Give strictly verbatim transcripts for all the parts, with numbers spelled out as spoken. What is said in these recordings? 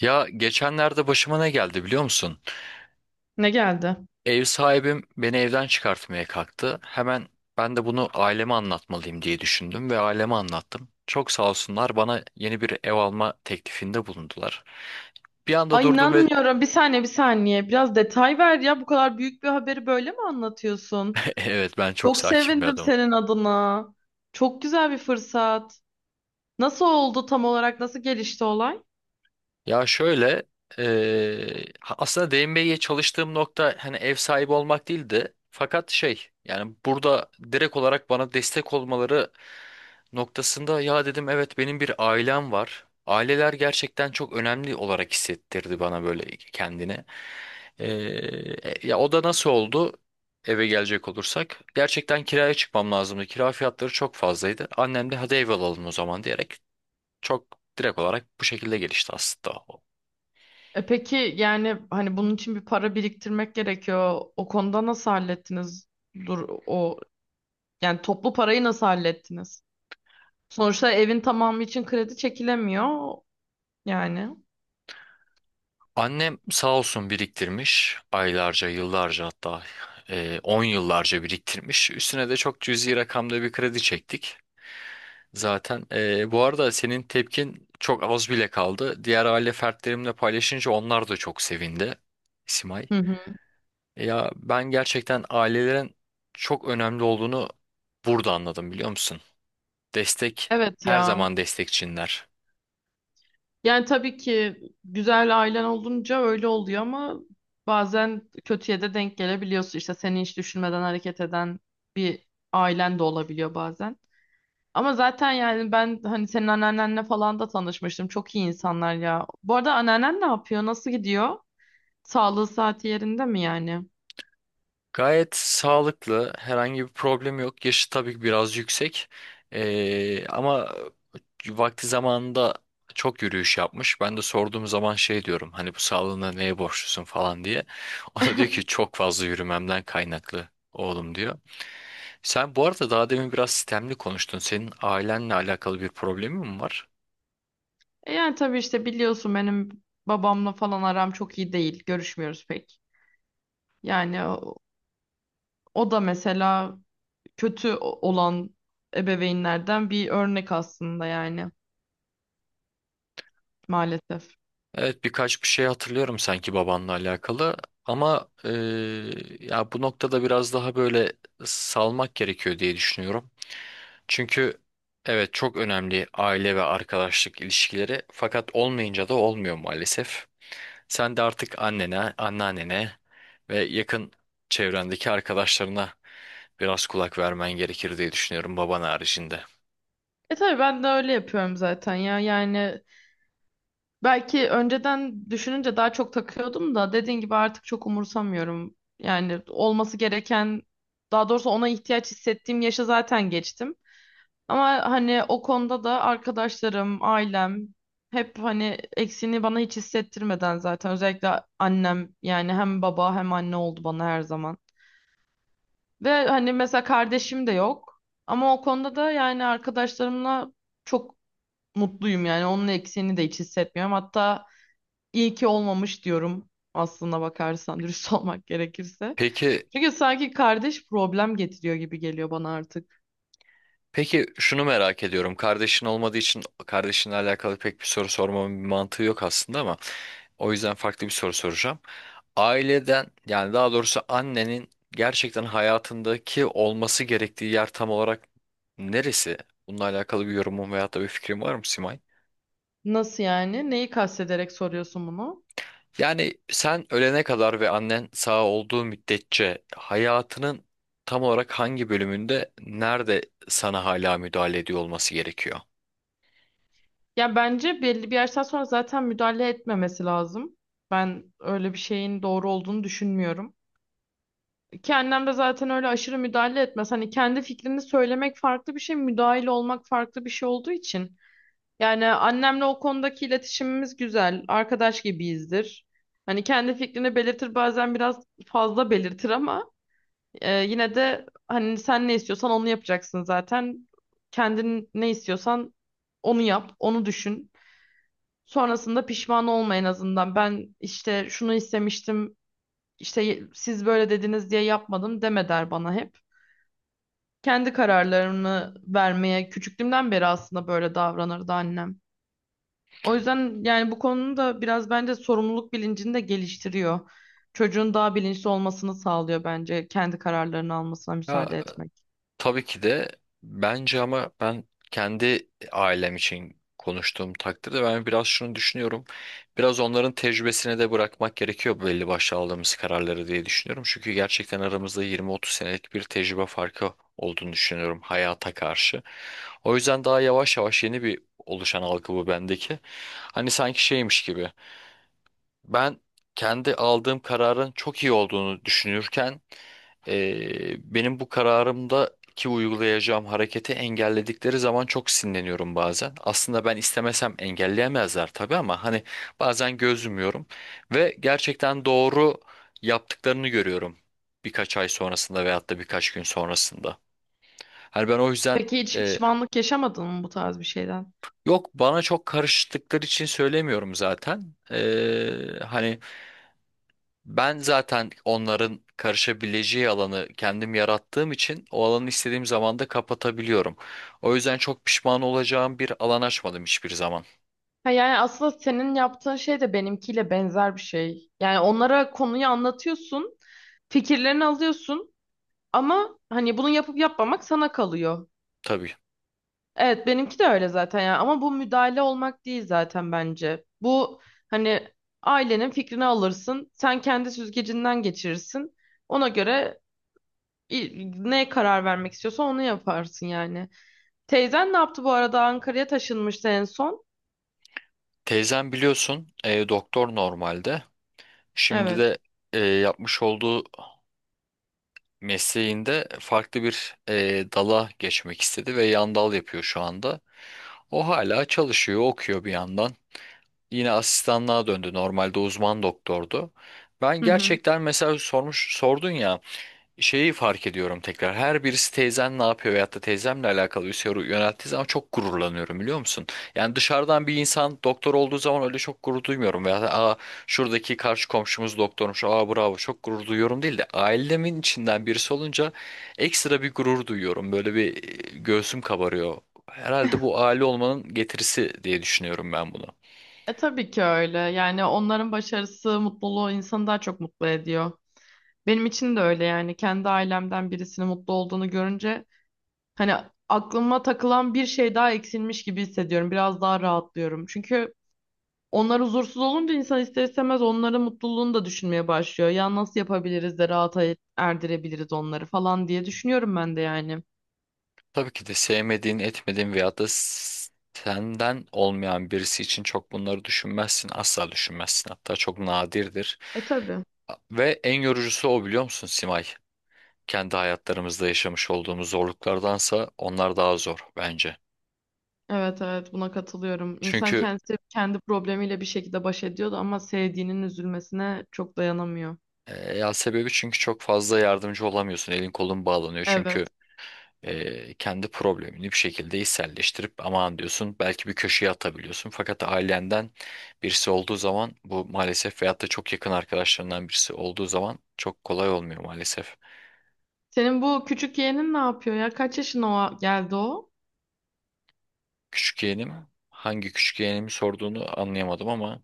Ya geçenlerde başıma ne geldi biliyor musun? Ne geldi? Ev sahibim beni evden çıkartmaya kalktı. Hemen ben de bunu aileme anlatmalıyım diye düşündüm ve aileme anlattım. Çok sağ olsunlar bana yeni bir ev alma teklifinde bulundular. Bir anda Ay durdum ve inanmıyorum. Bir saniye, bir saniye. Biraz detay ver ya. Bu kadar büyük bir haberi böyle mi anlatıyorsun? evet, ben çok Çok sakin bir sevindim adamım. senin adına. Çok güzel bir fırsat. Nasıl oldu tam olarak? Nasıl gelişti olay? Ya şöyle, eee, ha- aslında D M B'ye çalıştığım nokta hani ev sahibi olmak değildi. Fakat şey, yani burada direkt olarak bana destek olmaları noktasında ya dedim, evet benim bir ailem var. Aileler gerçekten çok önemli olarak hissettirdi bana böyle kendini. Eee, e, ya o da nasıl oldu? Eve gelecek olursak gerçekten kiraya çıkmam lazımdı. Kira fiyatları çok fazlaydı. Annem de hadi ev alalım o zaman diyerek çok direkt olarak bu şekilde gelişti aslında. E peki yani hani bunun için bir para biriktirmek gerekiyor. O konuda nasıl hallettiniz? Dur o yani toplu parayı nasıl hallettiniz? Sonuçta evin tamamı için kredi çekilemiyor yani. Annem sağ olsun biriktirmiş aylarca, yıllarca, hatta e, on yıllarca biriktirmiş. Üstüne de çok cüzi rakamda bir kredi çektik. Zaten, e, bu arada senin tepkin çok az bile kaldı. Diğer aile fertlerimle paylaşınca onlar da çok sevindi Simay. Hı hı. Ya ben gerçekten ailelerin çok önemli olduğunu burada anladım biliyor musun? Destek Evet her ya. zaman destekçinler. Yani tabii ki güzel ailen olunca öyle oluyor ama bazen kötüye de denk gelebiliyorsun. İşte seni hiç düşünmeden hareket eden bir ailen de olabiliyor bazen. Ama zaten yani ben hani senin anneannenle falan da tanışmıştım. Çok iyi insanlar ya. Bu arada anneannen ne yapıyor? Nasıl gidiyor? Sağlığı saati yerinde mi yani? Gayet sağlıklı, herhangi bir problem yok. Yaşı tabii ki biraz yüksek. Ee, ama vakti zamanında çok yürüyüş yapmış. Ben de sorduğum zaman şey diyorum, hani bu sağlığına neye borçlusun falan diye. O da diyor ki çok fazla yürümemden kaynaklı oğlum diyor. Sen bu arada daha demin biraz sistemli konuştun. Senin ailenle alakalı bir problemin mi var? E yani tabii işte biliyorsun benim babamla falan aram çok iyi değil. Görüşmüyoruz pek. Yani o, o da mesela kötü o- olan ebeveynlerden bir örnek aslında yani maalesef. Evet, birkaç bir şey hatırlıyorum sanki babanla alakalı. Ama eee, ya bu noktada biraz daha böyle salmak gerekiyor diye düşünüyorum. Çünkü evet, çok önemli aile ve arkadaşlık ilişkileri, fakat olmayınca da olmuyor maalesef. Sen de artık annene, anneannene ve yakın çevrendeki arkadaşlarına biraz kulak vermen gerekir diye düşünüyorum baban haricinde. E tabii ben de öyle yapıyorum zaten ya. Yani belki önceden düşününce daha çok takıyordum da dediğin gibi artık çok umursamıyorum. Yani olması gereken daha doğrusu ona ihtiyaç hissettiğim yaşa zaten geçtim. Ama hani o konuda da arkadaşlarım, ailem hep hani eksiğini bana hiç hissettirmeden zaten özellikle annem yani hem baba hem anne oldu bana her zaman. Ve hani mesela kardeşim de yok ama o konuda da yani arkadaşlarımla çok mutluyum yani onun eksiğini de hiç hissetmiyorum. Hatta iyi ki olmamış diyorum aslına bakarsan dürüst olmak gerekirse. Peki. Çünkü sanki kardeş problem getiriyor gibi geliyor bana artık. Peki, şunu merak ediyorum. Kardeşin olmadığı için kardeşinle alakalı pek bir soru sormamın bir mantığı yok aslında, ama o yüzden farklı bir soru soracağım. Aileden, yani daha doğrusu annenin gerçekten hayatındaki olması gerektiği yer tam olarak neresi? Bununla alakalı bir yorumun veyahut da bir fikrin var mı Simay? Nasıl yani? Neyi kastederek soruyorsun bunu? Yani sen ölene kadar ve annen sağ olduğu müddetçe hayatının tam olarak hangi bölümünde, nerede sana hala müdahale ediyor olması gerekiyor? Ya bence belli bir yaştan sonra zaten müdahale etmemesi lazım. Ben öyle bir şeyin doğru olduğunu düşünmüyorum. Ki annem de zaten öyle aşırı müdahale etmez. Hani kendi fikrini söylemek farklı bir şey, müdahil olmak farklı bir şey olduğu için. Yani annemle o konudaki iletişimimiz güzel, arkadaş gibiyizdir. Hani kendi fikrini belirtir bazen biraz fazla belirtir ama e, yine de hani sen ne istiyorsan onu yapacaksın zaten. Kendin ne istiyorsan onu yap, onu düşün. Sonrasında pişman olma en azından. Ben işte şunu istemiştim, işte siz böyle dediniz diye yapmadım deme der bana hep. Kendi kararlarını vermeye küçüklüğümden beri aslında böyle davranırdı annem. O yüzden yani bu konunun da biraz bence sorumluluk bilincini de geliştiriyor. Çocuğun daha bilinçli olmasını sağlıyor bence kendi kararlarını almasına müsaade etmek. Tabii ki de bence, ama ben kendi ailem için konuştuğum takdirde ben biraz şunu düşünüyorum. Biraz onların tecrübesine de bırakmak gerekiyor belli başlı aldığımız kararları diye düşünüyorum. Çünkü gerçekten aramızda yirmi otuz senelik bir tecrübe farkı olduğunu düşünüyorum hayata karşı. O yüzden daha yavaş yavaş yeni bir oluşan algı bu bendeki. Hani sanki şeymiş gibi. Ben kendi aldığım kararın çok iyi olduğunu düşünürken eee, benim bu kararımdaki uygulayacağım hareketi engelledikleri zaman çok sinirleniyorum bazen. Aslında ben istemesem engelleyemezler tabii, ama hani bazen göz yumuyorum ve gerçekten doğru yaptıklarını görüyorum birkaç ay sonrasında veyahut da birkaç gün sonrasında. Hani ben o yüzden Peki hiç eee, pişmanlık yaşamadın mı bu tarz bir şeyden? yok, bana çok karıştıkları için söylemiyorum zaten. Eee, hani ben zaten onların karışabileceği alanı kendim yarattığım için o alanı istediğim zaman da kapatabiliyorum. O yüzden çok pişman olacağım bir alan açmadım hiçbir zaman. Ha yani aslında senin yaptığın şey de benimkiyle benzer bir şey. Yani onlara konuyu anlatıyorsun, fikirlerini alıyorsun ama hani bunu yapıp yapmamak sana kalıyor. Tabii. Evet benimki de öyle zaten ya ama bu müdahale olmak değil zaten bence. Bu hani ailenin fikrini alırsın, sen kendi süzgecinden geçirirsin. Ona göre i- ne karar vermek istiyorsan onu yaparsın yani. Teyzen ne yaptı bu arada? Ankara'ya taşınmıştı en son. Teyzem biliyorsun e, doktor normalde. Şimdi Evet. de e, yapmış olduğu mesleğinde farklı bir e, dala geçmek istedi ve yan dal yapıyor şu anda. O hala çalışıyor, okuyor bir yandan. Yine asistanlığa döndü. Normalde uzman doktordu. Ben Hı hı. gerçekten mesela sormuş sordun ya, şeyi fark ediyorum tekrar. Her birisi teyzen ne yapıyor veyahut da teyzemle alakalı bir soru yönelttiği zaman çok gururlanıyorum biliyor musun? Yani dışarıdan bir insan doktor olduğu zaman öyle çok gurur duymuyorum. Veya aa, şuradaki karşı komşumuz doktormuş, aa bravo, çok gurur duyuyorum değil de ailemin içinden birisi olunca ekstra bir gurur duyuyorum. Böyle bir, e, göğsüm kabarıyor. Herhalde bu aile olmanın getirisi diye düşünüyorum ben bunu. E tabii ki öyle. Yani onların başarısı, mutluluğu insanı daha çok mutlu ediyor. Benim için de öyle yani. Kendi ailemden birisinin mutlu olduğunu görünce hani aklıma takılan bir şey daha eksilmiş gibi hissediyorum. Biraz daha rahatlıyorum. Çünkü onlar huzursuz olunca insan ister istemez onların mutluluğunu da düşünmeye başlıyor. Ya nasıl yapabiliriz de rahata erdirebiliriz onları falan diye düşünüyorum ben de yani. Tabii ki de sevmediğin, etmediğin veyahut da s- senden olmayan birisi için çok bunları düşünmezsin. Asla düşünmezsin. Hatta çok nadirdir. E tabii. Ve en yorucusu o biliyor musun Simay? Kendi hayatlarımızda yaşamış olduğumuz zorluklardansa onlar daha zor bence. Evet evet buna katılıyorum. İnsan Çünkü kendisi kendi problemiyle bir şekilde baş ediyordu ama sevdiğinin üzülmesine çok dayanamıyor. e, ya sebebi, çünkü çok fazla yardımcı olamıyorsun. Elin kolun bağlanıyor. Çünkü Evet. e, kendi problemini bir şekilde içselleştirip aman diyorsun, belki bir köşeye atabiliyorsun. Fakat ailenden birisi olduğu zaman bu maalesef veyahut da çok yakın arkadaşlarından birisi olduğu zaman çok kolay olmuyor maalesef. Senin bu küçük yeğenin ne yapıyor ya? Kaç yaşına o geldi o? Küçük yeğenim, hangi küçük yeğenimi sorduğunu anlayamadım, ama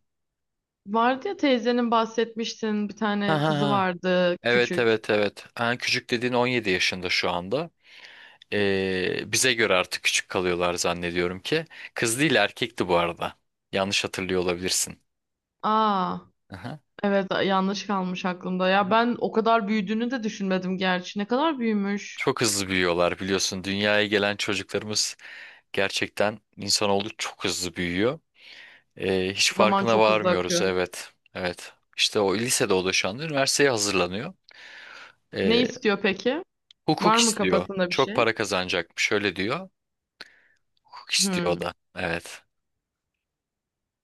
Vardı ya teyzenin bahsetmiştin bir ha tane ha kızı ha, vardı evet küçük. evet evet, ha, küçük dediğin on yedi yaşında şu anda. E, bize göre artık küçük kalıyorlar zannediyorum ki. Kız değil, erkekti bu arada. Yanlış hatırlıyor olabilirsin. Aa Aha. evet yanlış kalmış aklımda. Ya ben o kadar büyüdüğünü de düşünmedim gerçi. Ne kadar büyümüş. Çok hızlı büyüyorlar biliyorsun. Dünyaya gelen çocuklarımız, gerçekten insanoğlu çok hızlı büyüyor. Ee, hiç Zaman farkına çok hızlı varmıyoruz. akıyor. Evet. Evet. İşte o lisede, o da şu anda üniversiteye hazırlanıyor. Ne Ee, istiyor peki? hukuk Var mı istiyor. kafasında bir Çok şey? para kazanacakmış. Şöyle diyor. Hukuk istiyor o Hmm. da. Evet.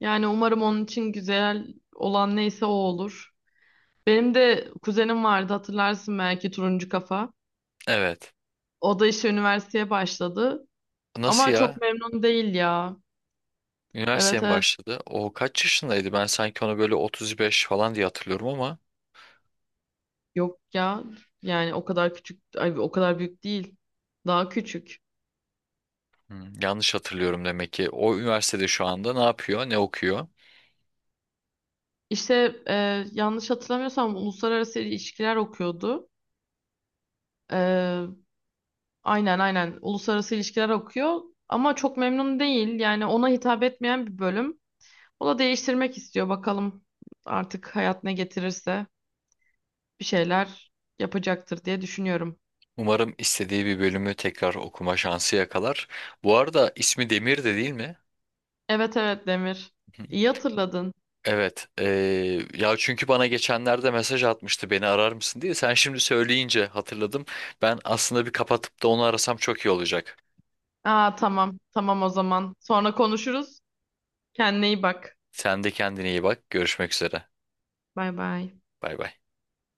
Yani umarım onun için güzel olan neyse o olur. Benim de kuzenim vardı hatırlarsın belki turuncu kafa. Evet. O da işte üniversiteye başladı. Nasıl Ama çok ya? memnun değil ya. Üniversiteye Evet mi evet başladı? O kaç yaşındaydı? Ben sanki onu böyle otuz beş falan diye hatırlıyorum ama, yok ya. Yani o kadar küçük, ay, o kadar büyük değil. Daha küçük. hmm, yanlış hatırlıyorum demek ki. O üniversitede şu anda ne yapıyor? Ne okuyor? İşte e, yanlış hatırlamıyorsam uluslararası ilişkiler okuyordu. E, aynen aynen uluslararası ilişkiler okuyor. Ama çok memnun değil. Yani ona hitap etmeyen bir bölüm. O da değiştirmek istiyor. Bakalım artık hayat ne getirirse bir şeyler yapacaktır diye düşünüyorum. Umarım istediği bir bölümü tekrar okuma şansı yakalar. Bu arada ismi Demir de değil mi? Evet evet Demir. Hı. İyi hatırladın. Evet. eee, ya çünkü bana geçenlerde mesaj atmıştı beni arar mısın diye. Sen şimdi söyleyince hatırladım. Ben aslında bir kapatıp da onu arasam çok iyi olacak. Aa tamam. Tamam o zaman. Sonra konuşuruz. Kendine iyi bak. Sen de kendine iyi bak. Görüşmek üzere. Bay bay. Bay bay.